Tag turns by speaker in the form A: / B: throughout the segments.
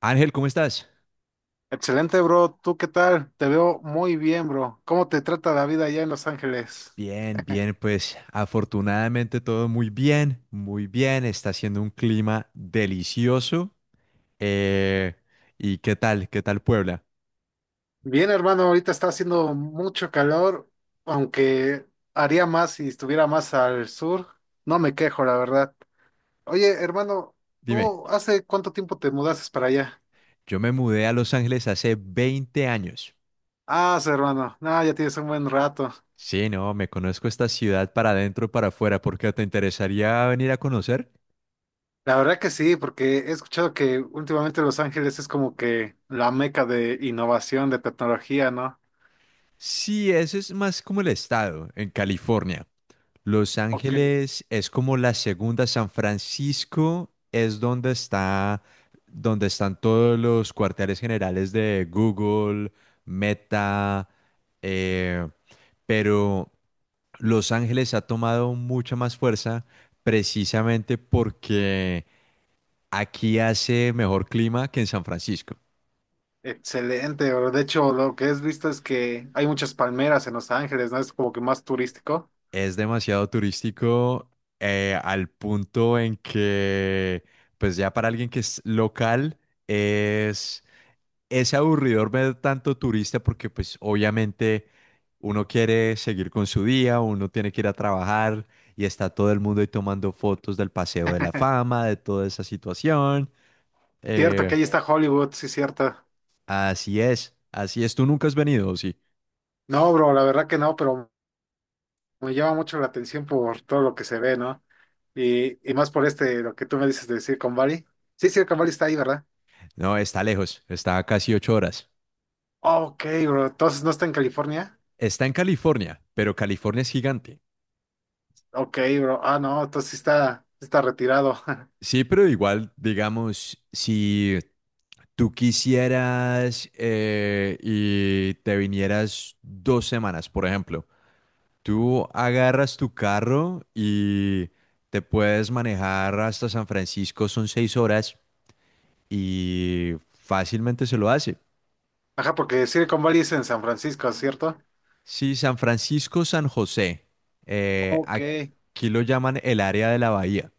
A: Ángel, ¿cómo estás?
B: Excelente, bro. ¿Tú qué tal? Te veo muy bien, bro. ¿Cómo te trata la vida allá en Los Ángeles?
A: Bien, bien, pues afortunadamente todo muy bien, muy bien. Está haciendo un clima delicioso. Eh, ¿Y qué tal? ¿Qué tal Puebla?
B: Bien, hermano, ahorita está haciendo mucho calor, aunque haría más si estuviera más al sur. No me quejo, la verdad. Oye, hermano,
A: Dime,
B: ¿tú hace cuánto tiempo te mudaste para allá?
A: yo me mudé a Los Ángeles hace 20 años.
B: Ah, sí, hermano, no, ya tienes un buen rato.
A: Sí, no, me conozco esta ciudad para adentro, para afuera, ¿por qué te interesaría venir a conocer?
B: La verdad que sí, porque he escuchado que últimamente Los Ángeles es como que la meca de innovación, de tecnología, ¿no?
A: Sí, ese es más como el estado, en California. Los
B: Ok.
A: Ángeles es como la segunda, San Francisco es donde está, donde están todos los cuarteles generales de Google, Meta, eh, pero Los Ángeles ha tomado mucha más fuerza precisamente porque aquí hace mejor clima que en San Francisco.
B: Excelente, bro. De hecho, lo que has visto es que hay muchas palmeras en Los Ángeles, ¿no? Es como que más turístico.
A: Es demasiado turístico al punto en que, pues ya para alguien que es local, es es aburridor ver tanto turista porque pues obviamente uno quiere seguir con su día, uno tiene que ir a trabajar y está todo el mundo ahí tomando fotos del Paseo de la Fama, de toda esa situación.
B: Cierto,
A: Eh,
B: que ahí está Hollywood, sí, cierto.
A: así es, así es. ¿Tú nunca has venido, o sí?
B: No, bro, la verdad que no, pero me llama mucho la atención por todo lo que se ve, ¿no? Y más por este, lo que tú me dices de Silicon Valley. Sí, Silicon Valley está ahí, ¿verdad?
A: No, está lejos, está a casi 8 horas.
B: Ok, bro. Entonces, ¿no está en California?
A: Está en California, pero California es gigante.
B: Ok, bro. Ah, no, entonces sí está retirado.
A: Sí, pero igual, digamos, si tú quisieras y te vinieras 2 semanas, por ejemplo, tú agarras tu carro y te puedes manejar hasta San Francisco, son 6 horas y fácilmente se lo hace.
B: Ajá, porque Silicon Valley es en San Francisco, ¿cierto?
A: Sí, San Francisco, San José,
B: Ok.
A: aquí lo llaman el área de la bahía,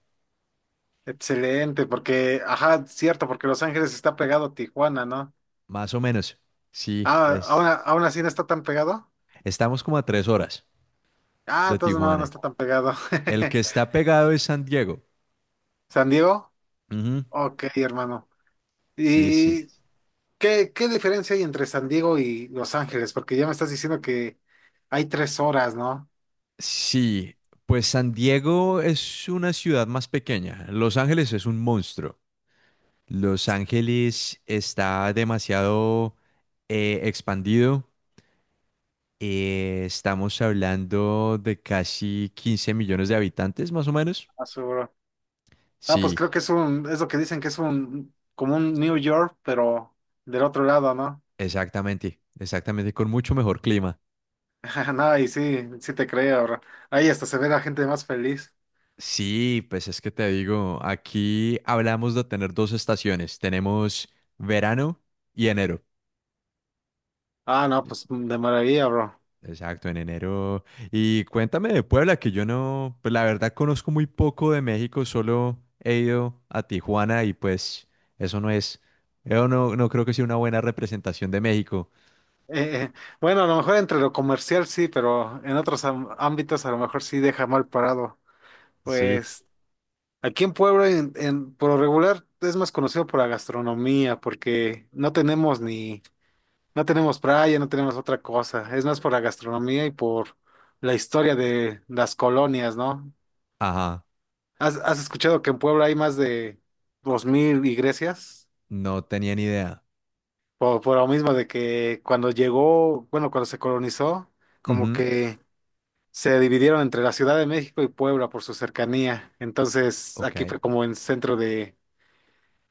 B: Excelente, porque, ajá, cierto, porque Los Ángeles está pegado a Tijuana, ¿no?
A: más o menos. Sí,
B: Ah, aún,
A: es,
B: aún así no está tan pegado.
A: estamos como a 3 horas
B: Ah,
A: de
B: entonces no, no
A: Tijuana.
B: está tan pegado.
A: El que está pegado es San Diego.
B: ¿San Diego?
A: Ujú,
B: Ok, hermano.
A: sí, sí.
B: ¿Y qué diferencia hay entre San Diego y Los Ángeles? Porque ya me estás diciendo que hay 3 horas, ¿no?
A: Sí, pues San Diego es una ciudad más pequeña. Los Ángeles es un monstruo. Los Ángeles está demasiado expandido. Estamos hablando de casi 15 millones de habitantes, más o menos.
B: Ah, seguro. Ah, pues
A: Sí,
B: creo que es es lo que dicen que es un, como un New York, pero del otro lado, ¿no?
A: exactamente, exactamente, con mucho mejor clima.
B: No, y sí, sí te creo, bro. Ahí hasta se ve la gente más feliz.
A: Sí, pues es que te digo, aquí hablamos de tener dos estaciones. Tenemos verano y enero.
B: Ah, no, pues mm, de maravilla, bro.
A: Exacto, en enero. Y cuéntame de Puebla, que yo no, pues la verdad conozco muy poco de México, solo he ido a Tijuana y pues eso no es, yo no, no creo que sea una buena representación de México.
B: Eh, eh, bueno, a lo mejor entre lo comercial sí, pero en otros ámbitos a lo mejor sí deja mal parado.
A: Sí.
B: Pues aquí en Puebla, por lo regular, es más conocido por la gastronomía, porque no tenemos ni, no tenemos playa, no tenemos otra cosa. Es más por la gastronomía y por la historia de las colonias, ¿no?
A: Ajá,
B: ¿Has escuchado que en Puebla hay más de 2,000 iglesias?
A: no tenía ni idea.
B: Por lo mismo de que cuando llegó, bueno, cuando se colonizó, como
A: Ujú,
B: que se dividieron entre la Ciudad de México y Puebla por su cercanía. Entonces,
A: ok,
B: aquí fue como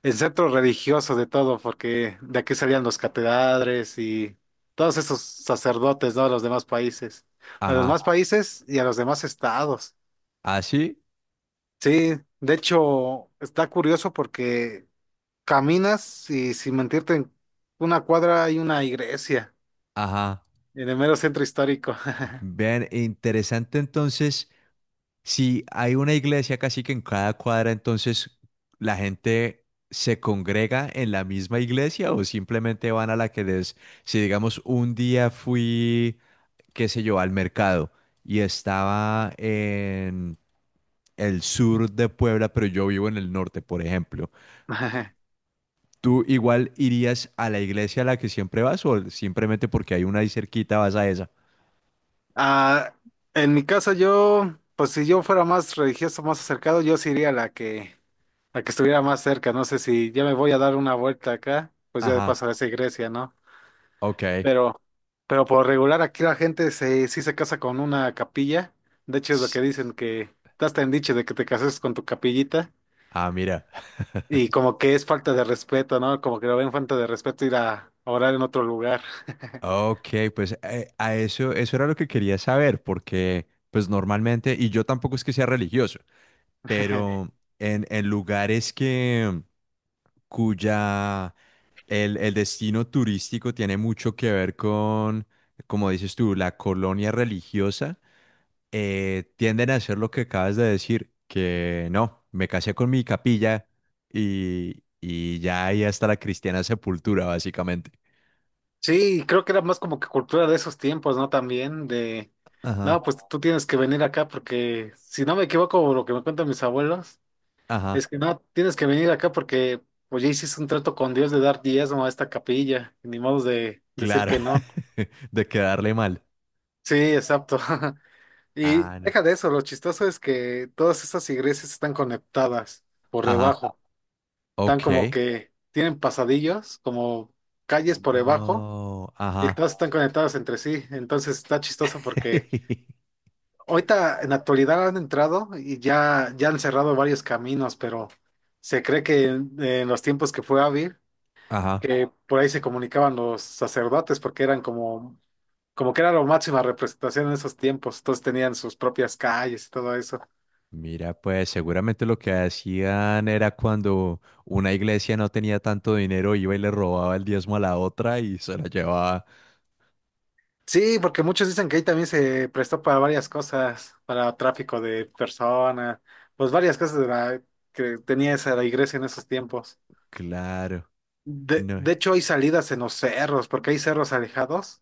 B: el centro religioso de todo, porque de aquí salían los catedrales y todos esos sacerdotes, ¿no? De los demás países. A los
A: ajá,
B: demás países y a los demás estados.
A: así,
B: Sí, de hecho, está curioso porque caminas y sin mentirte, en una cuadra hay una iglesia.
A: ajá.
B: En el mero centro histórico.
A: Vean, interesante entonces. Si hay una iglesia casi que en cada cuadra, entonces la gente se congrega en la misma iglesia o simplemente van a la que les, si digamos un día fui, qué sé yo, al mercado y estaba en el sur de Puebla, pero yo vivo en el norte, por ejemplo. ¿Tú igual irías a la iglesia a la que siempre vas o simplemente porque hay una ahí cerquita vas a esa?
B: Ah, en mi caso, yo, pues si yo fuera más religioso, más acercado, yo sí iría a la que estuviera más cerca. No sé si ya me voy a dar una vuelta acá, pues ya de
A: Ajá,
B: paso a esa iglesia, ¿no?
A: ok.
B: Pero, pero por regular aquí la gente se, sí se casa con una capilla. De hecho, es lo
A: Sí.
B: que dicen que te hasta en dicho de que te cases con tu capillita.
A: Ah, mira.
B: Y como que es falta de respeto, ¿no? Como que lo ven falta de respeto ir a orar en otro lugar.
A: Ok, pues a eso, eso era lo que quería saber, porque pues normalmente, y yo tampoco es que sea religioso, pero en lugares que cuya el destino turístico tiene mucho que ver con, como dices tú, la colonia religiosa, tienden a hacer lo que acabas de decir, que no, me casé con mi capilla y ya ahí hasta la cristiana sepultura, básicamente.
B: Sí, creo que era más como que cultura de esos tiempos, ¿no? También de,
A: Ajá,
B: no, pues tú tienes que venir acá porque, si no me equivoco, lo que me cuentan mis abuelos,
A: ajá.
B: es que no, tienes que venir acá porque, pues ya hiciste un trato con Dios de dar diezmo a esta capilla, y ni modo de decir
A: Claro,
B: que no.
A: de quedarle mal.
B: Sí, exacto. Y
A: Ah, no.
B: deja de eso, lo chistoso es que todas estas iglesias están conectadas por
A: Ajá,
B: debajo, están como
A: ok.
B: que tienen pasadillos, como calles por debajo.
A: No,
B: Y
A: ajá.
B: todos están conectados entre sí, entonces está chistoso porque ahorita en la actualidad han entrado y ya han cerrado varios caminos, pero se cree que en los tiempos que fue Ávil,
A: Ajá.
B: que por ahí se comunicaban los sacerdotes porque eran como, como que era la máxima representación en esos tiempos, todos tenían sus propias calles y todo eso.
A: Mira, pues seguramente lo que hacían era cuando una iglesia no tenía tanto dinero, iba y le robaba el diezmo a la otra y se la llevaba.
B: Sí, porque muchos dicen que ahí también se prestó para varias cosas, para tráfico de personas, pues varias cosas de la, que tenía esa la iglesia en esos tiempos.
A: Claro,
B: De,
A: no.
B: de hecho, hay salidas en los cerros, porque hay cerros alejados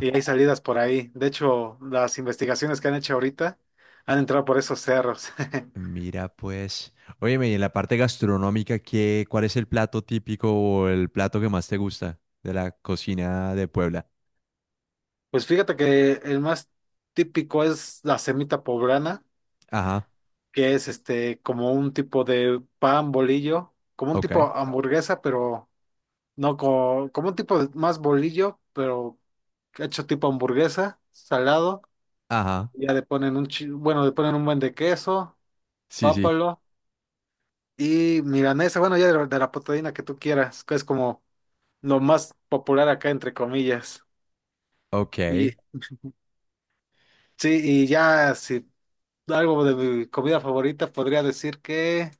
B: y hay salidas por ahí. De hecho, las investigaciones que han hecho ahorita han entrado por esos cerros.
A: Mira, pues. Óyeme, y en la parte gastronómica, ¿qué, cuál es el plato típico o el plato que más te gusta de la cocina de Puebla?
B: Pues fíjate que el más típico es la semita poblana,
A: Ajá,
B: que es este como un tipo de pan bolillo, como un tipo
A: ok.
B: hamburguesa, pero no co- como, un más bolillo, pero hecho tipo hamburguesa, salado.
A: Ajá.
B: Ya le ponen un bueno, le ponen un buen de queso,
A: Sí, sí.
B: pápalo. Y milanesa, bueno, ya de la proteína que tú quieras, que es como lo más popular acá, entre comillas.
A: Ok.
B: Y sí, y ya si algo de mi comida favorita podría decir que,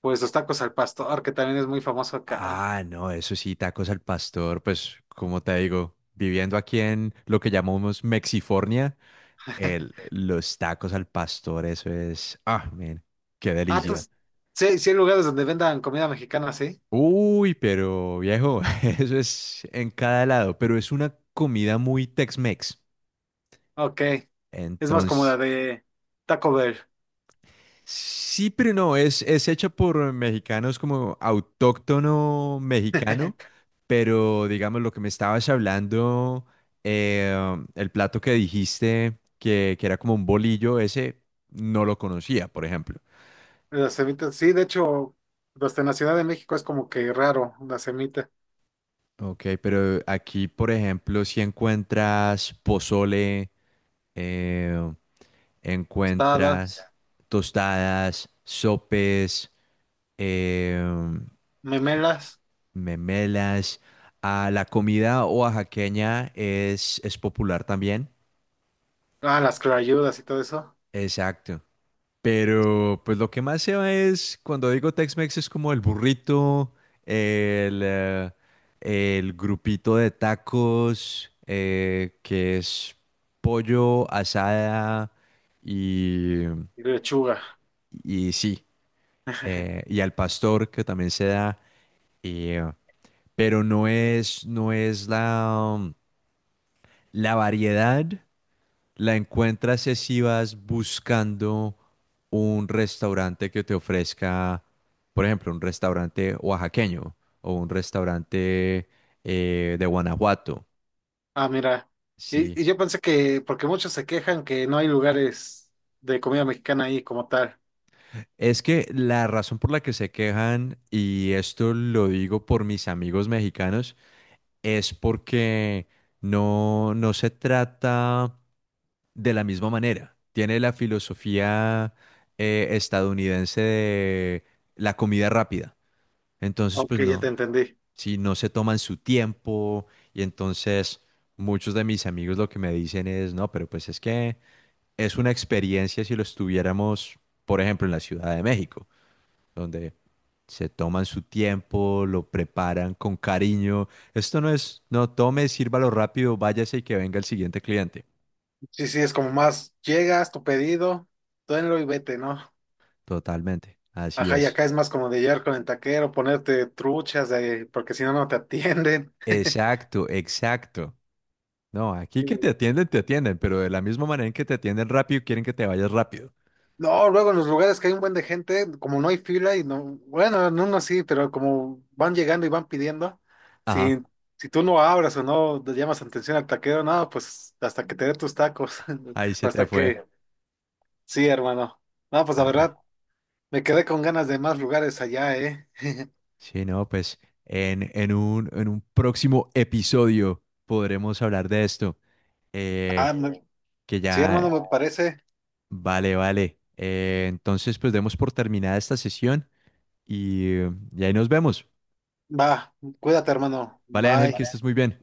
B: pues los tacos al pastor, que también es muy famoso acá.
A: Ah, no, eso sí, tacos al pastor. Pues, como te digo, viviendo aquí en lo que llamamos Mexifornia, los tacos al pastor, eso es. Ah, man, qué
B: Ah,
A: delicia.
B: entonces, sí, sí hay lugares donde vendan comida mexicana, ¿sí?
A: Uy, pero viejo, eso es en cada lado, pero es una comida muy Tex-Mex.
B: Ok. Es más como la
A: Entonces,
B: de Taco Bell.
A: sí, pero no, es hecha por mexicanos como autóctono mexicano, pero digamos lo que me estabas hablando, eh, el plato que dijiste que era como un bolillo, ese no lo conocía, por ejemplo.
B: La semita, sí, de hecho, hasta en la Ciudad de México es como que raro, la semita.
A: Ok, pero aquí, por ejemplo, si encuentras pozole, eh,
B: Tostadas,
A: encuentras tostadas, sopes, eh,
B: memelas,
A: memelas. A la comida oaxaqueña es popular también.
B: ah, las clayudas y todo eso.
A: Exacto. Pero pues lo que más se ve es, cuando digo Tex-Mex, es como el burrito, el, eh, el grupito de tacos, que es pollo, asada y,
B: Lechuga.
A: y sí, y al pastor que también se da. y, eh, pero no es, no es la, la variedad. La encuentras es si vas buscando un restaurante que te ofrezca, por ejemplo, un restaurante oaxaqueño o un restaurante de Guanajuato,
B: Ah, mira.
A: ¿sí?
B: Y yo pensé que, porque muchos se quejan que no hay lugares de comida mexicana ahí como tal.
A: Es que la razón por la que se quejan, y esto lo digo por mis amigos mexicanos, es porque no, no se trata de la misma manera. Tiene la filosofía estadounidense de la comida rápida. Entonces, pues
B: Ok, ya te
A: no,
B: entendí.
A: si no se toman su tiempo y entonces muchos de mis amigos lo que me dicen es, no, pero pues es que es una experiencia si lo estuviéramos, por ejemplo, en la Ciudad de México, donde se toman su tiempo, lo preparan con cariño. Esto no es, no tome, sírvalo rápido, váyase y que venga el siguiente cliente.
B: Sí, sí, es como más, llegas, tu pedido, tenlo y vete, ¿no?
A: Totalmente, así
B: Ajá, y
A: es.
B: acá es más como de llegar con el taquero, ponerte truchas, de, porque si no, no te atienden.
A: Exacto, exacto. No, aquí
B: Sí,
A: que te atienden, pero de la misma manera en que te atienden rápido, quieren que te vayas rápido.
B: no, luego en los lugares que hay un buen de gente, como no hay fila y no, bueno, en uno sí, pero como van llegando y van pidiendo, si,
A: Ajá.
B: si tú no abras o no le llamas atención al taquero, no, pues hasta que te dé tus tacos,
A: Ahí se te
B: hasta
A: fue.
B: que, sí, hermano. No, pues la
A: Ay,
B: verdad, me quedé con ganas de más lugares allá, ¿eh?
A: sí, no, pues en un próximo episodio podremos hablar de esto. eh,
B: Ah,
A: que
B: sí,
A: ya,
B: hermano, me parece.
A: vale, vale. Entonces, pues demos por terminada esta sesión y, eh, y ahí nos vemos.
B: Va, cuídate, hermano.
A: Vale, Ángel, que estés
B: Bye.
A: muy bien.